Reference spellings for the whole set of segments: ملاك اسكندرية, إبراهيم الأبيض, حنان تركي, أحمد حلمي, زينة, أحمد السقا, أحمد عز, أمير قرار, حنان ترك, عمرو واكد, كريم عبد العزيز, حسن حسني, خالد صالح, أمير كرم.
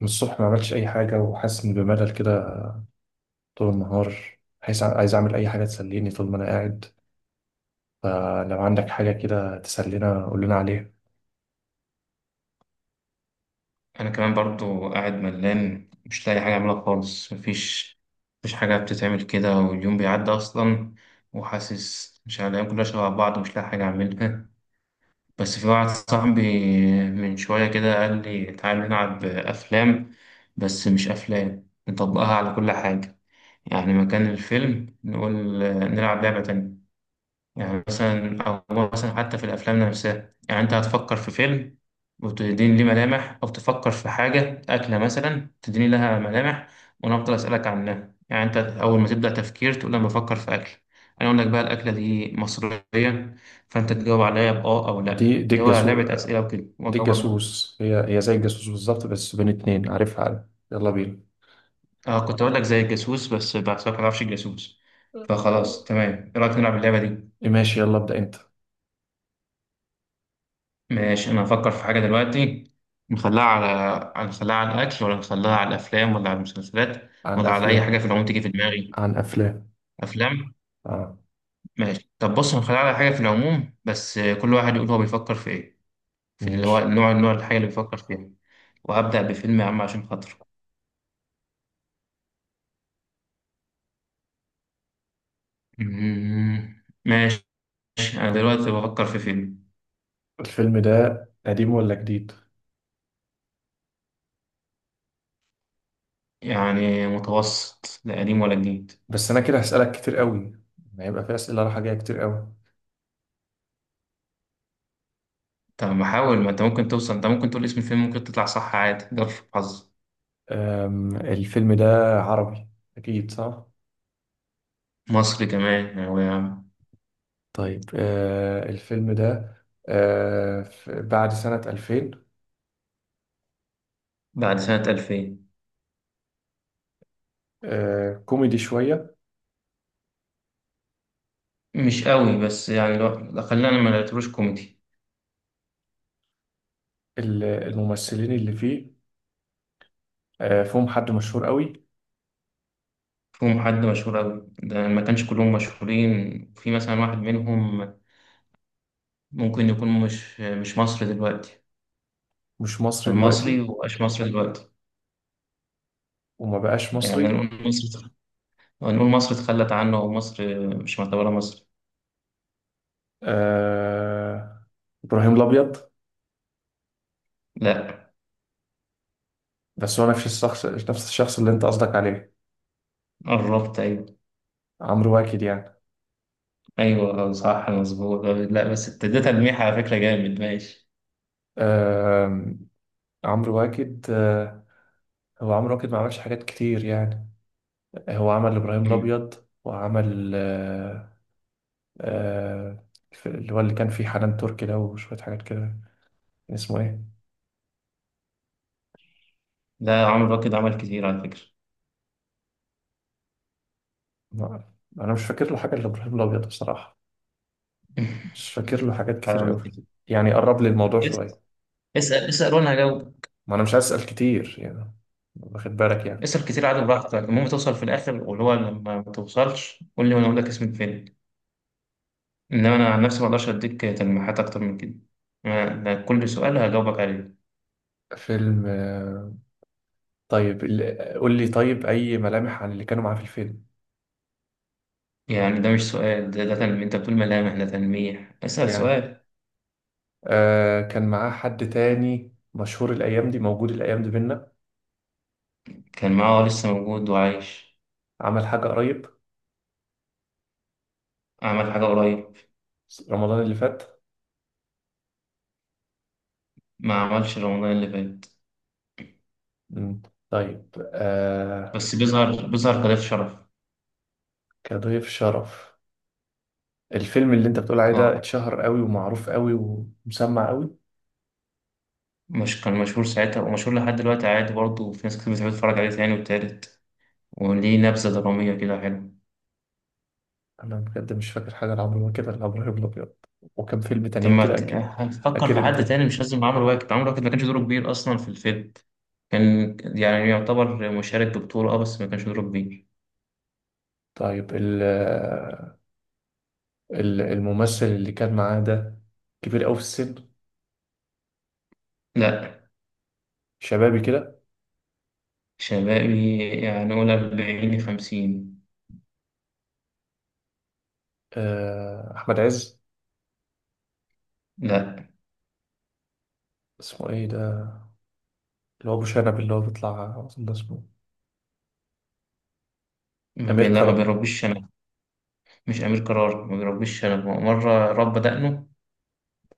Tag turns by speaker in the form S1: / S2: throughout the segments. S1: من الصبح ما عملتش أي حاجة وحاسس إن بملل كده طول النهار. عايز أعمل أي حاجة تسليني طول ما أنا قاعد. فلو عندك حاجة كده تسلينا قول لنا عليها.
S2: انا كمان برضو قاعد ملان، مش لاقي حاجه اعملها خالص. مفيش حاجه بتتعمل كده، واليوم بيعدي اصلا. وحاسس مش عارف، الايام كلها شبه بعض، مش لاقي حاجه اعملها. بس في واحد صاحبي من شويه كده قال لي تعالى نلعب افلام، بس مش افلام نطبقها على كل حاجه. يعني مكان الفيلم نقول نلعب لعبه تانية. يعني مثلا، أو مثلا، حتى في الأفلام نفسها، يعني أنت هتفكر في فيلم وتديني ليه ملامح، أو تفكر في حاجة، أكلة مثلا، تديني لها ملامح، وأنا أفضل أسألك عنها. يعني أنت أول ما تبدأ تفكير تقول أنا بفكر في أكل، أنا أقول لك بقى الأكلة دي مصرية، فأنت تجاوب عليا بأه أو لأ،
S1: دي
S2: اللي هو
S1: الجاسوس.
S2: لعبة أسئلة وكده،
S1: دي
S2: وأجاوبك بقى.
S1: الجاسوس، هي زي الجاسوس بالظبط، بس بين اتنين عارفها عارف. يلا بينا.
S2: أه، كنت أقول لك زي الجاسوس بس بحسك ما تعرفش الجاسوس. فخلاص، تمام، إيه رأيك نلعب اللعبة دي؟
S1: ماشي، يلا ابدأ أنت.
S2: ماشي، انا هفكر في حاجه دلوقتي. نخليها على الاكل، ولا نخليها على الافلام، ولا على المسلسلات،
S1: عن
S2: ولا على اي حاجه
S1: أفلام.
S2: في العموم تيجي في دماغي؟
S1: عن أفلام.
S2: افلام.
S1: آه.
S2: ماشي، طب بص، هنخليها على حاجه في العموم بس كل واحد يقول هو بيفكر في ايه، في اللي هو
S1: ماشي.
S2: النوع الحاجه اللي بيفكر فيها. وهبدا بفيلم يا عم عشان خاطره. ماشي. انا دلوقتي بفكر في فيلم.
S1: الفيلم ده قديم ولا جديد؟
S2: يعني متوسط، لا قديم ولا جديد.
S1: بس أنا كده هسألك كتير قوي، هيبقى في أسئلة رايحة جاية كتير قوي.
S2: طب ما حاول، ما انت ممكن توصل، انت ممكن تقول اسم الفيلم، ممكن تطلع صح عادي، جرب حظك.
S1: الفيلم ده عربي. أكيد صح.
S2: مصر كمان هو يا عم.
S1: طيب، الفيلم ده بعد سنة 2000.
S2: بعد سنة 2000.
S1: كوميدي شوية.
S2: مش قوي، بس يعني لو لا، خلينا ما نعتبروش كوميدي.
S1: الممثلين اللي فيه فيهم حد مشهور قوي.
S2: فيهم حد مشهور قوي، ده ما كانش كلهم مشهورين، في مثلا واحد منهم ممكن يكون مش مصري دلوقتي.
S1: مش مصري
S2: كان مصري
S1: دلوقتي.
S2: ومبقاش مصري دلوقتي.
S1: وما بقاش
S2: يعني
S1: مصري.
S2: نقول مصر اتخلت عنه، أو مصر مش معتبرة مصر.
S1: آه إبراهيم الأبيض.
S2: لا.
S1: بس هو نفس الشخص، نفس الشخص اللي أنت قصدك عليه.
S2: قربت، أيوه.
S1: عمرو واكد يعني.
S2: أيوه صح مظبوط. لا، بس ابتديت تلميح على فكرة جامد. ماشي.
S1: آه، عمرو واكد. هو عمرو واكد ما عملش حاجات كتير يعني. هو عمل إبراهيم
S2: مم.
S1: الأبيض، وعمل آه، اللي هو اللي كان فيه حنان تركي ده وشوية حاجات كده. كان اسمه إيه؟
S2: لا، عمرو راكد عمل كتير على فكرة.
S1: ما- أنا مش فاكر له حاجة إلا إبراهيم الأبيض بصراحة. مش فاكر له حاجات كتير أوي. يعني قرب لي الموضوع
S2: اس-
S1: شوية.
S2: اسال وانا هجاوب.
S1: ما أنا مش عايز أسأل كتير يعني، واخد بالك يعني؟
S2: اسال كتير عادي براحتك، المهم توصل في الاخر، واللي هو لما ما توصلش قول لي وانا اقول لك اسم الفيلم. انما انا عن نفسي ما اقدرش اديك تلميحات اكتر من كده. ده كل سؤال هجاوبك عليه.
S1: فيلم. طيب، قول لي طيب أي ملامح عن اللي كانوا معاه في الفيلم.
S2: يعني ده مش سؤال، ده تلميح. انت بتقول ملامح ده تلميح. اسال
S1: يعني
S2: سؤال.
S1: كان معاه حد تاني مشهور؟ الأيام دي موجود؟ الأيام دي بينا؟
S2: كان معاه، لسه موجود وعايش.
S1: عمل حاجة قريب؟
S2: عمل حاجه قريب.
S1: رمضان اللي فات.
S2: ما عملش رمضان اللي فات.
S1: مم. طيب. آه
S2: بس بيظهر كضيف شرف.
S1: كضيف شرف. الفيلم اللي انت بتقول عليه ده
S2: اه.
S1: اتشهر قوي ومعروف قوي ومسمع قوي؟
S2: مش كان مشهور ساعتها ومشهور لحد دلوقتي عادي برضه، وفي ناس كتير بتحب تتفرج عليه تاني والتالت، وليه نبذة درامية كده حلوة.
S1: انا بجد مش فاكر حاجه لعمرو واكد غير عمرو الابيض. وكم فيلم
S2: طب
S1: تانيين
S2: ما
S1: كده
S2: ت-
S1: اكيد.
S2: هتفكر
S1: اكيد
S2: في حد
S1: انت.
S2: تاني، مش لازم عمرو واكد ما كانش دوره كبير أصلا في الفيلم. كان يعني يعتبر مشارك ببطولة، اه، بس ما كانش دوره كبير.
S1: طيب، الممثل اللي كان معاه ده كبير قوي في السن؟
S2: لا.
S1: شبابي كده؟
S2: شبابي، يعني قول 40 50.
S1: احمد عز.
S2: لا،
S1: اسمه ايه ده اللي هو ابو شنب اللي هو بيطلع أظن اسمه امير
S2: ما
S1: كرم.
S2: بيربيش شنب. مش أمير قرار، ما بيربيش شنب، هو مرة رب دقنه.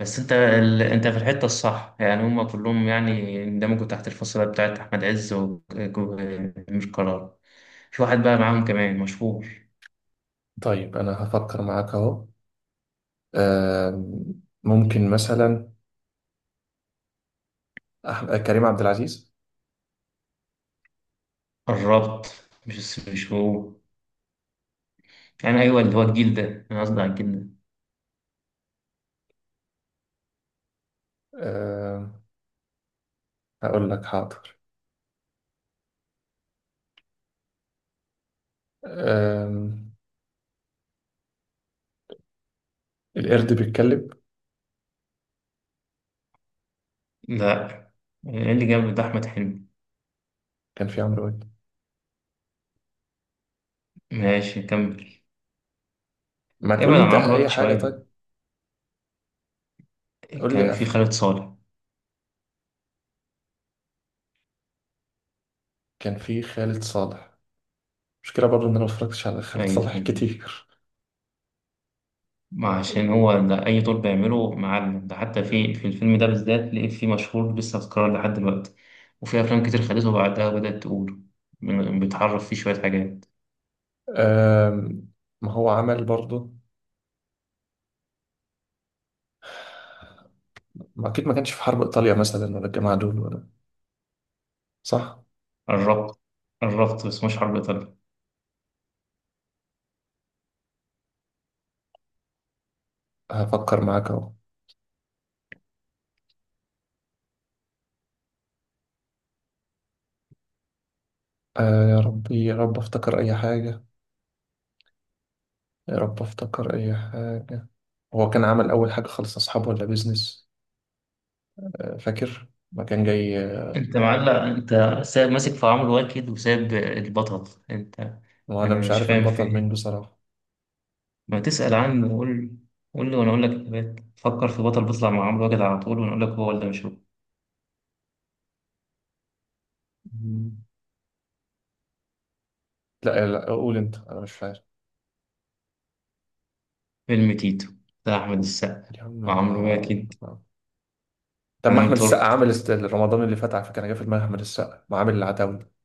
S2: بس انت في الحتة الصح، يعني هما كلهم يعني اندمجوا تحت الفصيلة بتاعت أحمد عز وأمير قرار. في واحد بقى معاهم كمان مشهور.
S1: طيب، انا هفكر معاك اهو. آم، ممكن مثلا كريم عبد العزيز.
S2: قربت. مش هو. يعني أيوه، اللي هو الجيل ده أنا قصدي على الجيل ده.
S1: آم، هقول لك حاضر. أم... القرد بيتكلم.
S2: لا. اللي جنب ده أحمد حلمي.
S1: كان في عمرو واكد.
S2: ماشي، كمل.
S1: ما تقول لي
S2: ابعد عن
S1: انت
S2: عمرو واكد
S1: اي حاجه
S2: شوية.
S1: طيب. قول لي
S2: كان في
S1: قفله.
S2: خالد صالح.
S1: كان في خالد صالح. مشكله برضو ان انا ما اتفرجتش على خالد
S2: أيوه
S1: صالح
S2: كان.
S1: كتير.
S2: ما عشان هو ده، أي دور بيعمله معلم، ده حتى في الفيلم ده بالذات لقيت فيه مشهور لسه أذكره لحد دلوقتي. وفي أفلام كتير خدته بعدها بدأت تقوله. بيتعرف فيه شوية حاجات.
S1: أم... ما هو عمل برضو. ما اكيد ما كانش في حرب ايطاليا مثلا ولا الجماعه دول ولا. صح؟
S2: قربت قربت، بس مش حرب إيطاليا.
S1: هفكر معاك اهو. يا ربي، يا رب افتكر اي حاجه. يا رب افتكر اي حاجه. هو كان عمل اول حاجه خالص، اصحابه ولا بيزنس؟ فاكر ما كان جاي.
S2: انت معلق، انت سايب ماسك في عمرو واكد وسايب البطل. انت.
S1: وانا
S2: انا
S1: مش
S2: مش
S1: عارف
S2: فاهم في
S1: البطل مين
S2: ايه.
S1: بصراحه.
S2: ما تسأل عنه وقول، قول لي وانا اقول لك اجابات. فكر في بطل بيطلع مع عمرو واكد على طول وانا اقول لك هو ولا مش هو.
S1: مم. لا، لا، قول انت. انا مش فاهم.
S2: فيلم تيتو بتاع احمد السقا
S1: يا عم،
S2: وعمرو واكد.
S1: ما- طب، ما احمد
S2: حنان
S1: السقا
S2: ترك،
S1: عامل رمضان اللي فات على فكره. انا جه في دماغي احمد السقا، ما عامل العتاوله.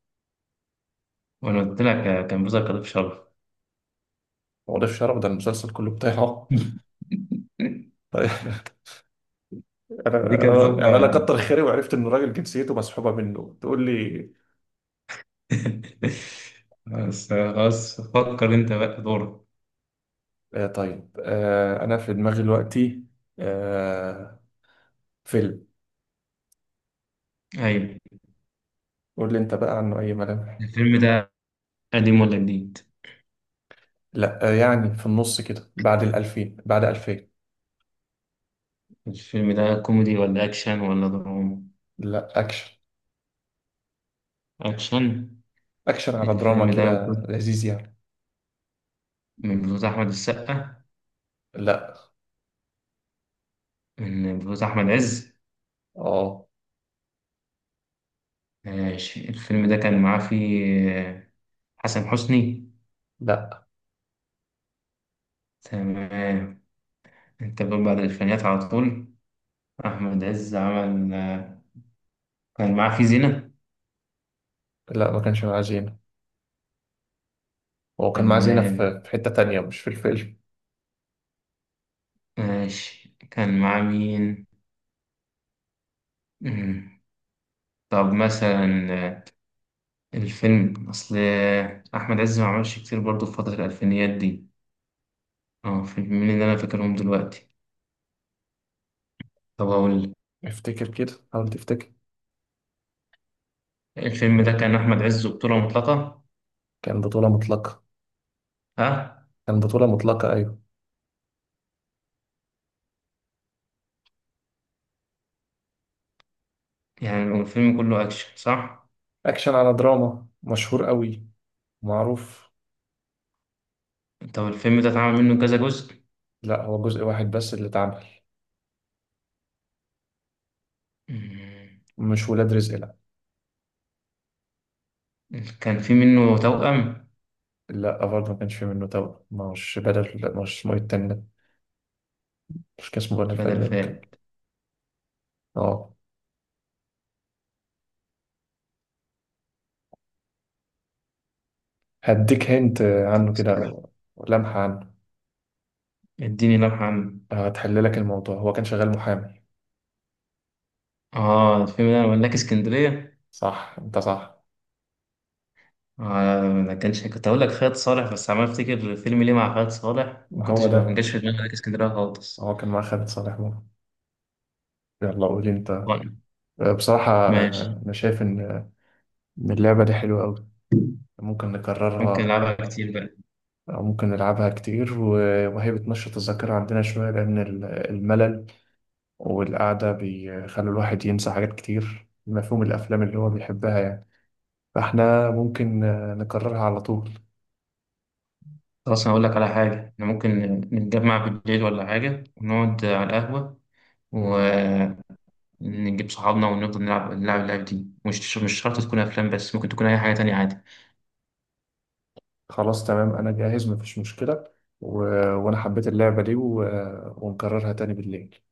S2: وانا قلت لك كان بيظهر كضيف شرف.
S1: هو ده في شرف. ده المسلسل كله بتاعه. طيب،
S2: دي كانت
S1: يعني انا
S2: ظابطة.
S1: كتر خيري وعرفت ان الراجل جنسيته مسحوبه منه تقول لي.
S2: بس خلاص، فكر انت بقى دورك.
S1: طيب. انا في دماغي دلوقتي آه فيلم.
S2: ايوه.
S1: قول لي انت بقى عنه اي ملامح.
S2: الفيلم ده قديم ولا جديد؟
S1: لا، يعني في النص كده، بعد 2000، بعد 2000.
S2: الفيلم ده كوميدي ولا أكشن ولا دراما؟
S1: لا، اكشن.
S2: أكشن.
S1: اكشن على دراما
S2: الفيلم ده
S1: كده، لذيذ يعني.
S2: من بطولة أحمد السقا؟
S1: لا.
S2: من بطولة أحمد عز؟
S1: اه.
S2: ماشي، الفيلم ده كان معاه فيه حسن حسني؟
S1: لا،
S2: تمام. أنت بتقول بعد الألفينيات على طول. أحمد عز عمل، كان معاه فيه زينة؟
S1: لا، ما كانش معاه زينة. هو كان معاه زينة
S2: تمام.
S1: في حتة تانية مش في الفيلم.
S2: ماشي. كان معاه مين؟ مم. طب مثلا، الفيلم أصل، أحمد عز ما عملش كتير برضه في فترة الألفينيات دي. اه، فيلمين اللي انا فاكرهم دلوقتي. طب اقول لك.
S1: افتكر كده، حاول تفتكر.
S2: الفيلم ده كان احمد عز وبطولة مطلقة؟
S1: كان بطولة مطلقة.
S2: ها؟
S1: كان بطولة مطلقة أيوة.
S2: يعني الفيلم كله اكشن، صح؟
S1: أكشن على دراما، مشهور قوي. معروف.
S2: طب الفيلم ده اتعمل منه كذا جزء؟
S1: لا، هو جزء واحد بس اللي اتعمل.
S2: مم.
S1: مش ولاد رزق، لا.
S2: كان في منه توأم؟
S1: لا، برضه ما كانش في منه توأم. مش بدل، لا، مش اسمه إيه التاني ده؟ مش كان اسمه بدل
S2: بدل
S1: فايلر اللي كان؟
S2: فات؟
S1: اه. هديك هنت
S2: طب
S1: عنه كده،
S2: استنى.
S1: أو لمحة عنه.
S2: اديني لمحة عنه.
S1: هتحل لك الموضوع، هو كان شغال محامي.
S2: اه، الفيلم ده ملاك اسكندرية.
S1: صح، انت صح.
S2: آه ما كانش، كنت اقول لك خالد صالح بس عمال افتكر فيلم ليه مع خالد صالح، ما
S1: هو
S2: كنتش ما
S1: ده.
S2: جاش في دماغي ملاك اسكندرية خالص.
S1: هو كان مع خالد صالح. يلا، قولي انت.
S2: طيب،
S1: بصراحة،
S2: ماشي.
S1: أنا شايف إن اللعبة دي حلوة أوي. ممكن
S2: ممكن
S1: نكررها.
S2: العبها كتير بقى.
S1: أو ممكن نلعبها كتير، و- وهي بتنشط الذاكرة عندنا شوية لأن الملل والقعدة بيخلي الواحد ينسى حاجات كتير، مفهوم الأفلام اللي هو بيحبها يعني. فإحنا ممكن نكررها على طول.
S2: خلاص، أنا أقول لك على حاجة، إحنا ممكن نتجمع بالليل ولا حاجة ونقعد على القهوة ونجيب صحابنا ونفضل نلعب اللعبة دي. مش شرط تكون أفلام، بس ممكن تكون أي حاجة تانية عادي
S1: خلاص تمام، أنا جاهز مفيش مشكلة. و... وأنا حبيت اللعبة دي ونكررها تاني بالليل.